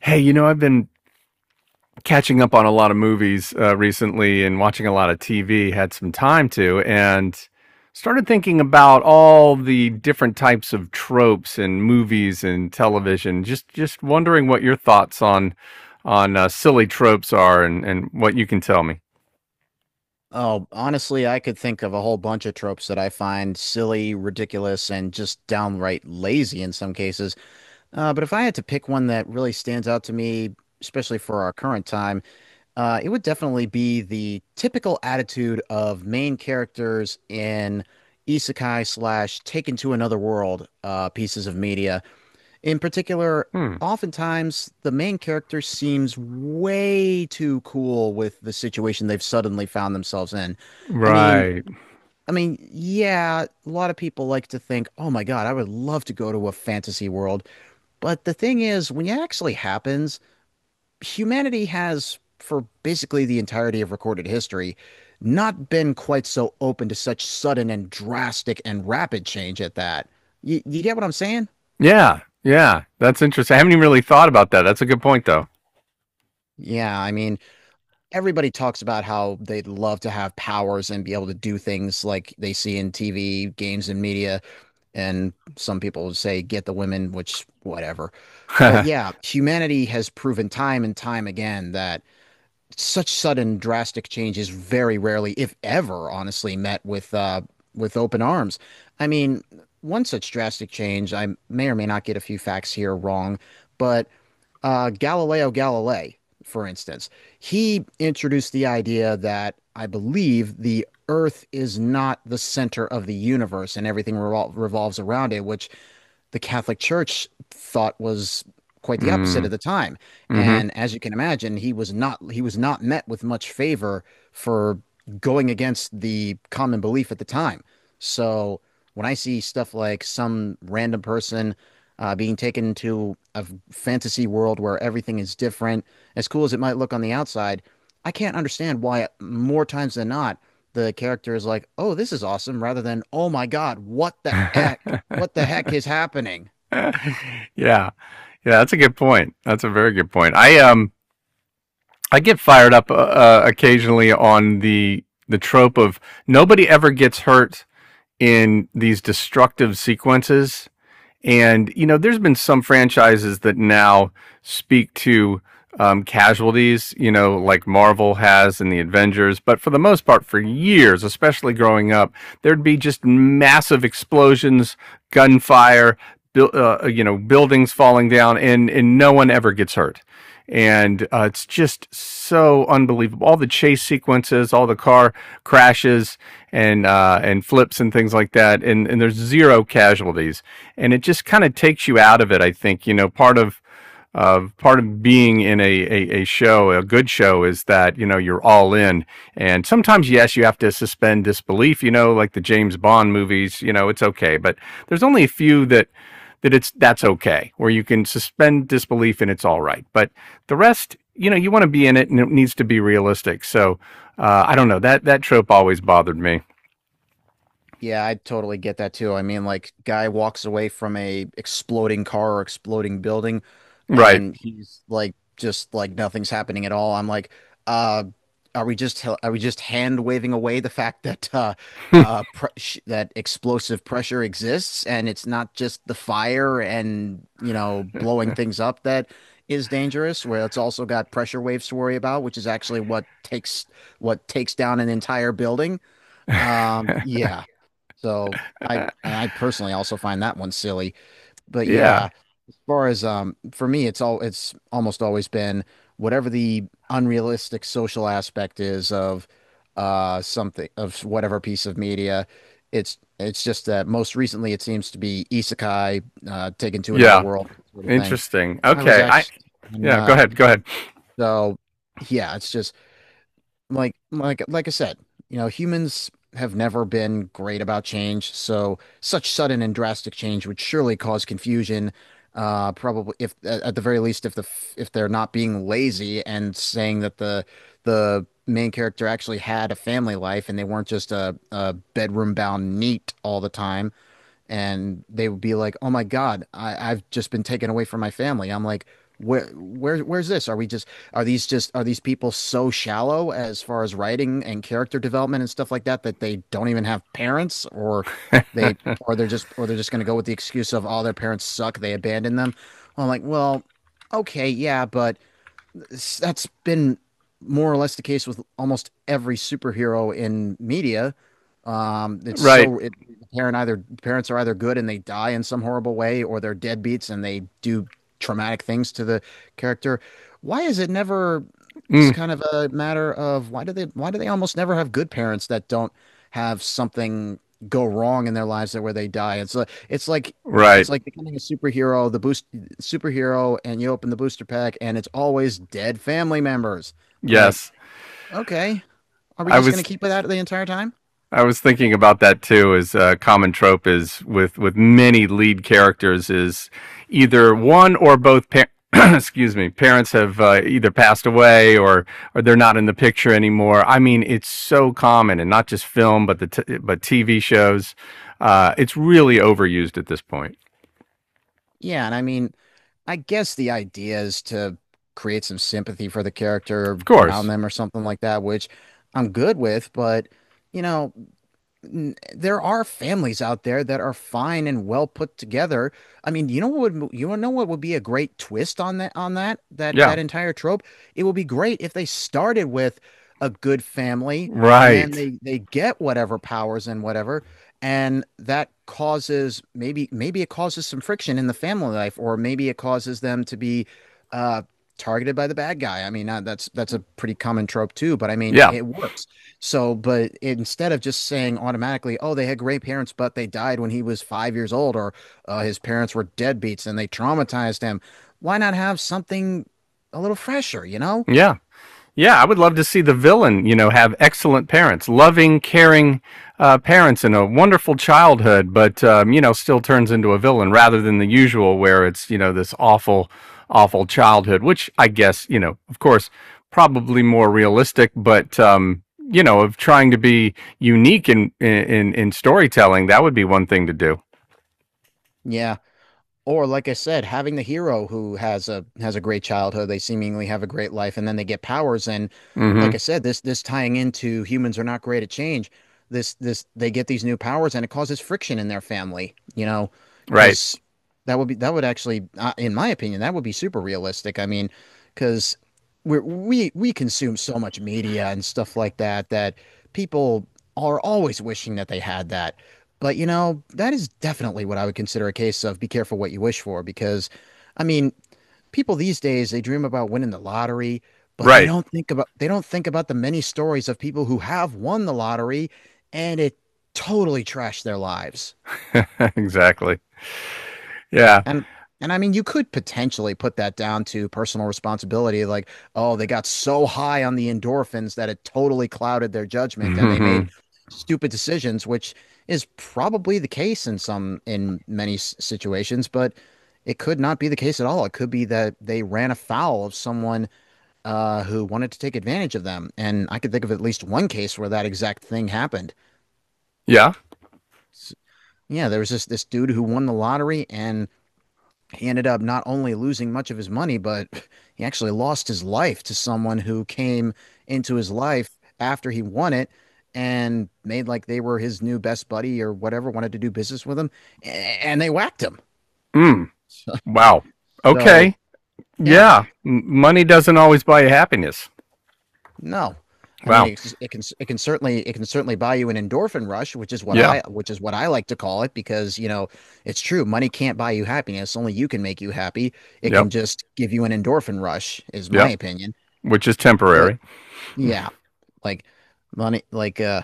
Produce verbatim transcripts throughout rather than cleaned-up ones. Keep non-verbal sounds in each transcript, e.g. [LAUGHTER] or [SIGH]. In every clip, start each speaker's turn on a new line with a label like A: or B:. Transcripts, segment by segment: A: Hey, you know, I've been catching up on a lot of movies uh, recently and watching a lot of T V, had some time to, and started thinking about all the different types of tropes in movies and television. Just just wondering what your thoughts on on uh, silly tropes are and and what you can tell me.
B: Oh, honestly, I could think of a whole bunch of tropes that I find silly, ridiculous, and just downright lazy in some cases. Uh, but if I had to pick one that really stands out to me, especially for our current time, uh, it would definitely be the typical attitude of main characters in isekai slash taken to another world uh, pieces of media. In particular,
A: Hmm.
B: oftentimes the main character seems way too cool with the situation they've suddenly found themselves in. I mean,
A: Right.
B: I mean, yeah, a lot of people like to think, "Oh my God, I would love to go to a fantasy world." But the thing is, when it actually happens, humanity has, for basically the entirety of recorded history, not been quite so open to such sudden and drastic and rapid change at that. You, you get what I'm saying?
A: Yeah. Yeah. That's interesting. I haven't even really thought about that. That's a good point though.
B: Yeah, I mean, everybody talks about how they'd love to have powers and be able to do things like they see in T V, games, and media. And some people would say, get the women, which, whatever. But
A: [LAUGHS]
B: yeah, humanity has proven time and time again that such sudden, drastic change is very rarely, if ever, honestly, met with, uh, with open arms. I mean, one such drastic change, I may or may not get a few facts here wrong, but uh, Galileo Galilei, for instance, he introduced the idea that I believe the Earth is not the center of the universe and everything revol revolves around it, which the Catholic Church thought was quite the opposite at
A: Mm.
B: the time. And as you can imagine, he was not he was not met with much favor for going against the common belief at the time. So when I see stuff like some random person uh, being taken to a fantasy world where everything is different, as cool as it might look on the outside, I can't understand why more times than not the character is like, "Oh, this is awesome," rather than, "Oh my God, what the heck?
A: Mhm. [LAUGHS]
B: What the heck is happening?"
A: [LAUGHS] Yeah, yeah, that's a good point. That's a very good point. I um I get fired up uh, uh, occasionally on the the trope of nobody ever gets hurt in these destructive sequences, and you know, there's been some franchises that now speak to um, casualties, you know, like Marvel has in the Avengers. But for the most part, for years, especially growing up, there'd be just massive explosions, gunfire, buil- uh, you know, buildings falling down, and and no one ever gets hurt, and uh, it's just so unbelievable. All the chase sequences, all the car crashes and uh, and flips and things like that, and and there's zero casualties, and it just kind of takes you out of it. I think, you know, part of of part of being in a, a, a show, a good show, is that you know you're all in, and sometimes yes, you have to suspend disbelief. You know, like the James Bond movies. You know, it's okay, but there's only a few that that it's that's okay, where you can suspend disbelief and it's all right. But the rest, you know, you want to be in it, and it needs to be realistic. So uh, I don't know, that that trope always bothered me.
B: Yeah, I totally get that too. I mean, like, guy walks away from a exploding car or exploding building,
A: Right.
B: and he's like just like nothing's happening at all. I'm like, uh, are we just are we just hand waving away the fact that uh, uh,
A: [LAUGHS]
B: pre that explosive pressure exists, and it's not just the fire and, you know, blowing things up that is dangerous, where it's also got pressure waves to worry about, which is actually what takes what takes down an entire building. Um, yeah, so I I personally also find that one silly, but
A: Yeah.
B: yeah, far as um for me it's all it's almost always been whatever the unrealistic social aspect is of uh something of whatever piece of media. It's it's just that most recently it seems to be isekai, uh taken to another
A: Yeah.
B: world, that sort of thing.
A: Interesting.
B: I was
A: Okay. I
B: actually, and
A: yeah. Go
B: uh
A: ahead. Go ahead.
B: so yeah, it's just like like like I said, you know, humans have never been great about change, so such sudden and drastic change would surely cause confusion. Uh, probably if at at the very least, if the f- if they're not being lazy and saying that the the main character actually had a family life and they weren't just a, a, bedroom bound neat all the time, and they would be like, "Oh my God, I, I've just been taken away from my family." I'm like, "Where, where, where's this? Are we just are these just are these people so shallow as far as writing and character development and stuff like that that they don't even have parents, or they or
A: [LAUGHS]
B: they're just or they're just going to go with the excuse of all their parents suck, they abandoned them." Well, I'm like, "Well, okay, yeah, but." That's been more or less the case with almost every superhero in media. Um, it's
A: Right.
B: so it parent Either parents are either good and they die in some horrible way, or they're deadbeats and they do traumatic things to the character. Why is it never It's
A: Mm,
B: kind of a matter of why do they why do they almost never have good parents that don't have something go wrong in their lives, that where they die. It's like it's like it's
A: right.
B: like becoming a superhero. The boost superhero, and you open the booster pack, and it's always dead family members. I'm like,
A: Yes.
B: okay, are we
A: I
B: just going
A: was
B: to keep it out the entire time?
A: I was thinking about that too. Is a common trope, is with with many lead characters, is either one or both. Pa- [CLEARS THROAT] excuse me, parents have uh, either passed away or or they're not in the picture anymore. I mean, it's so common, and not just film, but the t- but T V shows. Uh, it's really overused at this point.
B: Yeah, and I mean, I guess the idea is to create some sympathy for the character,
A: Of
B: ground
A: course,
B: them or something like that, which I'm good with, but, you know, n- there are families out there that are fine and well put together. I mean, you know what would you know what would be a great twist on that, on that that
A: yeah,
B: that entire trope? It would be great if they started with a good family, and then
A: right,
B: they they get whatever powers and whatever, and that causes, maybe maybe it causes some friction in the family life, or maybe it causes them to be uh targeted by the bad guy. I mean, uh, that's that's a pretty common trope too, but I mean,
A: yeah,
B: it works. So, but instead of just saying automatically, oh, they had great parents, but they died when he was five years old, or uh, his parents were deadbeats and they traumatized him, why not have something a little fresher, you know?
A: yeah. Yeah, I would love to see the villain, you know, have excellent parents, loving, caring, uh, parents, and a wonderful childhood, but um, you know, still turns into a villain rather than the usual, where it's, you know, this awful, awful childhood, which I guess, you know, of course, probably more realistic, but um, you know, of trying to be unique in in in storytelling, that would be one thing to do.
B: Yeah. Or like I said, having the hero who has a has a great childhood, they seemingly have a great life, and then they get powers. And like I
A: Hmm.
B: said, this this tying into humans are not great at change. This this they get these new powers, and it causes friction in their family, you know,
A: Right.
B: because that would be, that would actually, uh, in my opinion, that would be super realistic. I mean, because we we we consume so much media and stuff like that that people are always wishing that they had that. But you know, that is definitely what I would consider a case of be careful what you wish for, because I mean, people these days they dream about winning the lottery, but they
A: Right.
B: don't think about they don't think about the many stories of people who have won the lottery, and it totally trashed their lives.
A: [LAUGHS] Exactly. Yeah.
B: And and I mean, you could potentially put that down to personal responsibility, like, oh, they got so high on the endorphins that it totally clouded their judgment and they made
A: Hmm.
B: stupid decisions, which is probably the case in some in many s- situations, but it could not be the case at all. It could be that they ran afoul of someone, uh, who wanted to take advantage of them. And I could think of at least one case where that exact thing happened.
A: Yeah.
B: S- Yeah, there was this this dude who won the lottery, and he ended up not only losing much of his money, but he actually lost his life to someone who came into his life after he won it and made like they were his new best buddy or whatever, wanted to do business with him, and they whacked him.
A: Mm.
B: [LAUGHS]
A: Wow.
B: So
A: Okay.
B: yeah,
A: Yeah. Money doesn't always buy you happiness.
B: no. I mean,
A: Wow.
B: it's, it can it can certainly it can certainly buy you an endorphin rush, which is what
A: Yeah.
B: I which is what I like to call it, because you know it's true, money can't buy you happiness, only you can make you happy. It
A: Yep.
B: can just give you an endorphin rush, is my
A: Yep.
B: opinion.
A: Which is
B: But
A: temporary.
B: yeah, like money, like uh,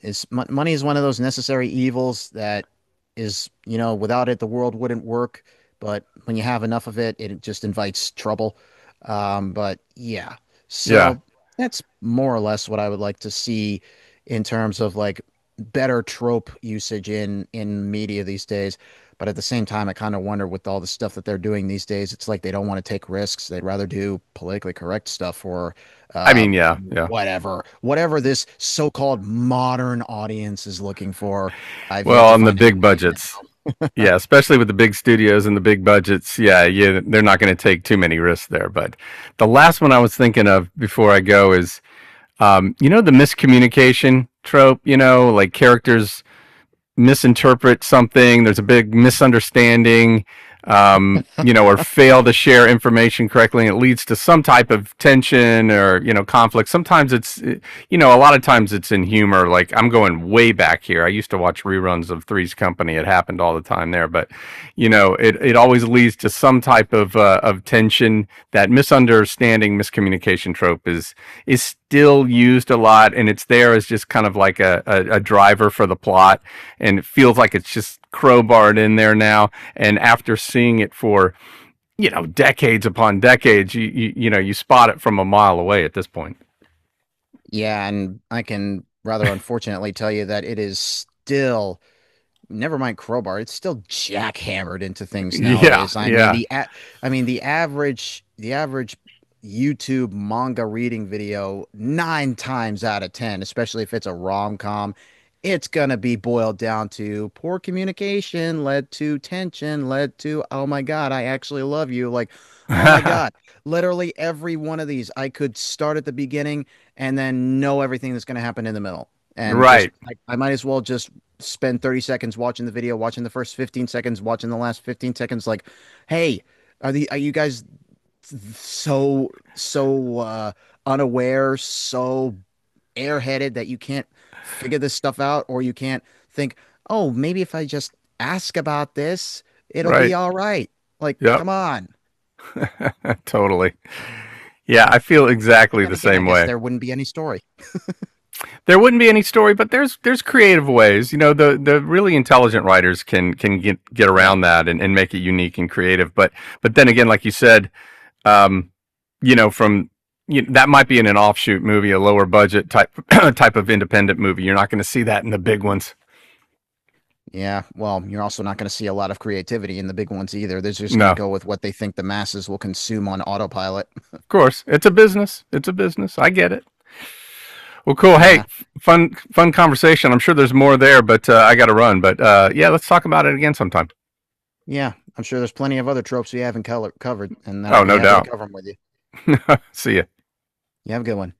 B: is mon money is one of those necessary evils that is, you know, without it the world wouldn't work. But when you have enough of it, it just invites trouble. Um, but yeah,
A: Yeah.
B: so that's more or less what I would like to see in terms of like better trope usage in in media these days. But at the same time, I kind of wonder, with all the stuff that they're doing these days, it's like they don't want to take risks. They'd rather do politically correct stuff, or
A: I
B: uh
A: mean, yeah. Yeah.
B: whatever, whatever this so-called modern audience is looking for. I've yet
A: Well,
B: to
A: on the
B: find
A: big
B: anybody in it.
A: budgets, yeah, especially with the big studios and the big budgets, yeah, yeah, they're not going to take too many risks there. But the last one I was thinking of before I go is, um, you know, the miscommunication trope. You know, like characters misinterpret something, there's a big misunderstanding, um, you know, or fail to share information correctly, and it leads to some type of tension or, you know, conflict. Sometimes it's, eh, you know, a lot of times it's in humor. Like I'm going way back here. I used to watch reruns of Three's Company. It happened all the time there, but, you know, it, it always leads to some type of, uh, of tension. That misunderstanding, miscommunication trope is, is still used a lot, and it's there as just kind of like a, a, a driver for the plot, and it feels like it's just crowbarred in there now. And after seeing it for, you know, decades upon decades, you you, you know, you spot it from a mile away at this point.
B: Yeah, and I can rather unfortunately tell you that it is still, never mind crowbar, it's still jackhammered into things
A: Yeah,
B: nowadays. i mean
A: yeah,
B: the a- i mean the average the average YouTube manga reading video, nine times out of ten, especially if it's a rom-com, it's gonna be boiled down to poor communication led to tension led to, "Oh my God, I actually love you," like, "Oh my God."
A: [LAUGHS]
B: Literally every one of these, I could start at the beginning and then know everything that's gonna happen in the middle, and just
A: right,
B: I, I might as well just spend thirty seconds watching the video, watching the first fifteen seconds, watching the last fifteen seconds. Like, hey, are the are you guys, so so uh, unaware, so airheaded that you can't figure this stuff out, or you can't think, oh, maybe if I just ask about this, it'll
A: right.
B: be all right. Like,
A: Yep,
B: come on.
A: [LAUGHS] totally. Yeah, I feel
B: But
A: exactly
B: then
A: the
B: again, I
A: same
B: guess
A: way.
B: there wouldn't be any story.
A: There wouldn't be any story, but there's there's creative ways. You know, the the really intelligent writers can can get get
B: Yeah.
A: around that and, and make it unique and creative. But but then again, like you said, um, you know, from, you know, that might be in an offshoot movie, a lower budget type [CLEARS THROAT] type of independent movie. You're not going to see that in the big ones.
B: Yeah. Well, you're also not going to see a lot of creativity in the big ones either. They're just going
A: No,
B: to
A: of
B: go with what they think the masses will consume on autopilot.
A: course, it's a business. It's a business. I get it. Well, cool. Hey,
B: Yeah.
A: fun fun conversation. I'm sure there's more there, but uh, I got to run. But uh, yeah, let's talk about it again sometime.
B: Yeah, I'm sure there's plenty of other tropes we haven't color- covered, and
A: Oh,
B: I'd be
A: no
B: happy to
A: doubt.
B: cover them with you.
A: [LAUGHS] See ya.
B: You have a good one.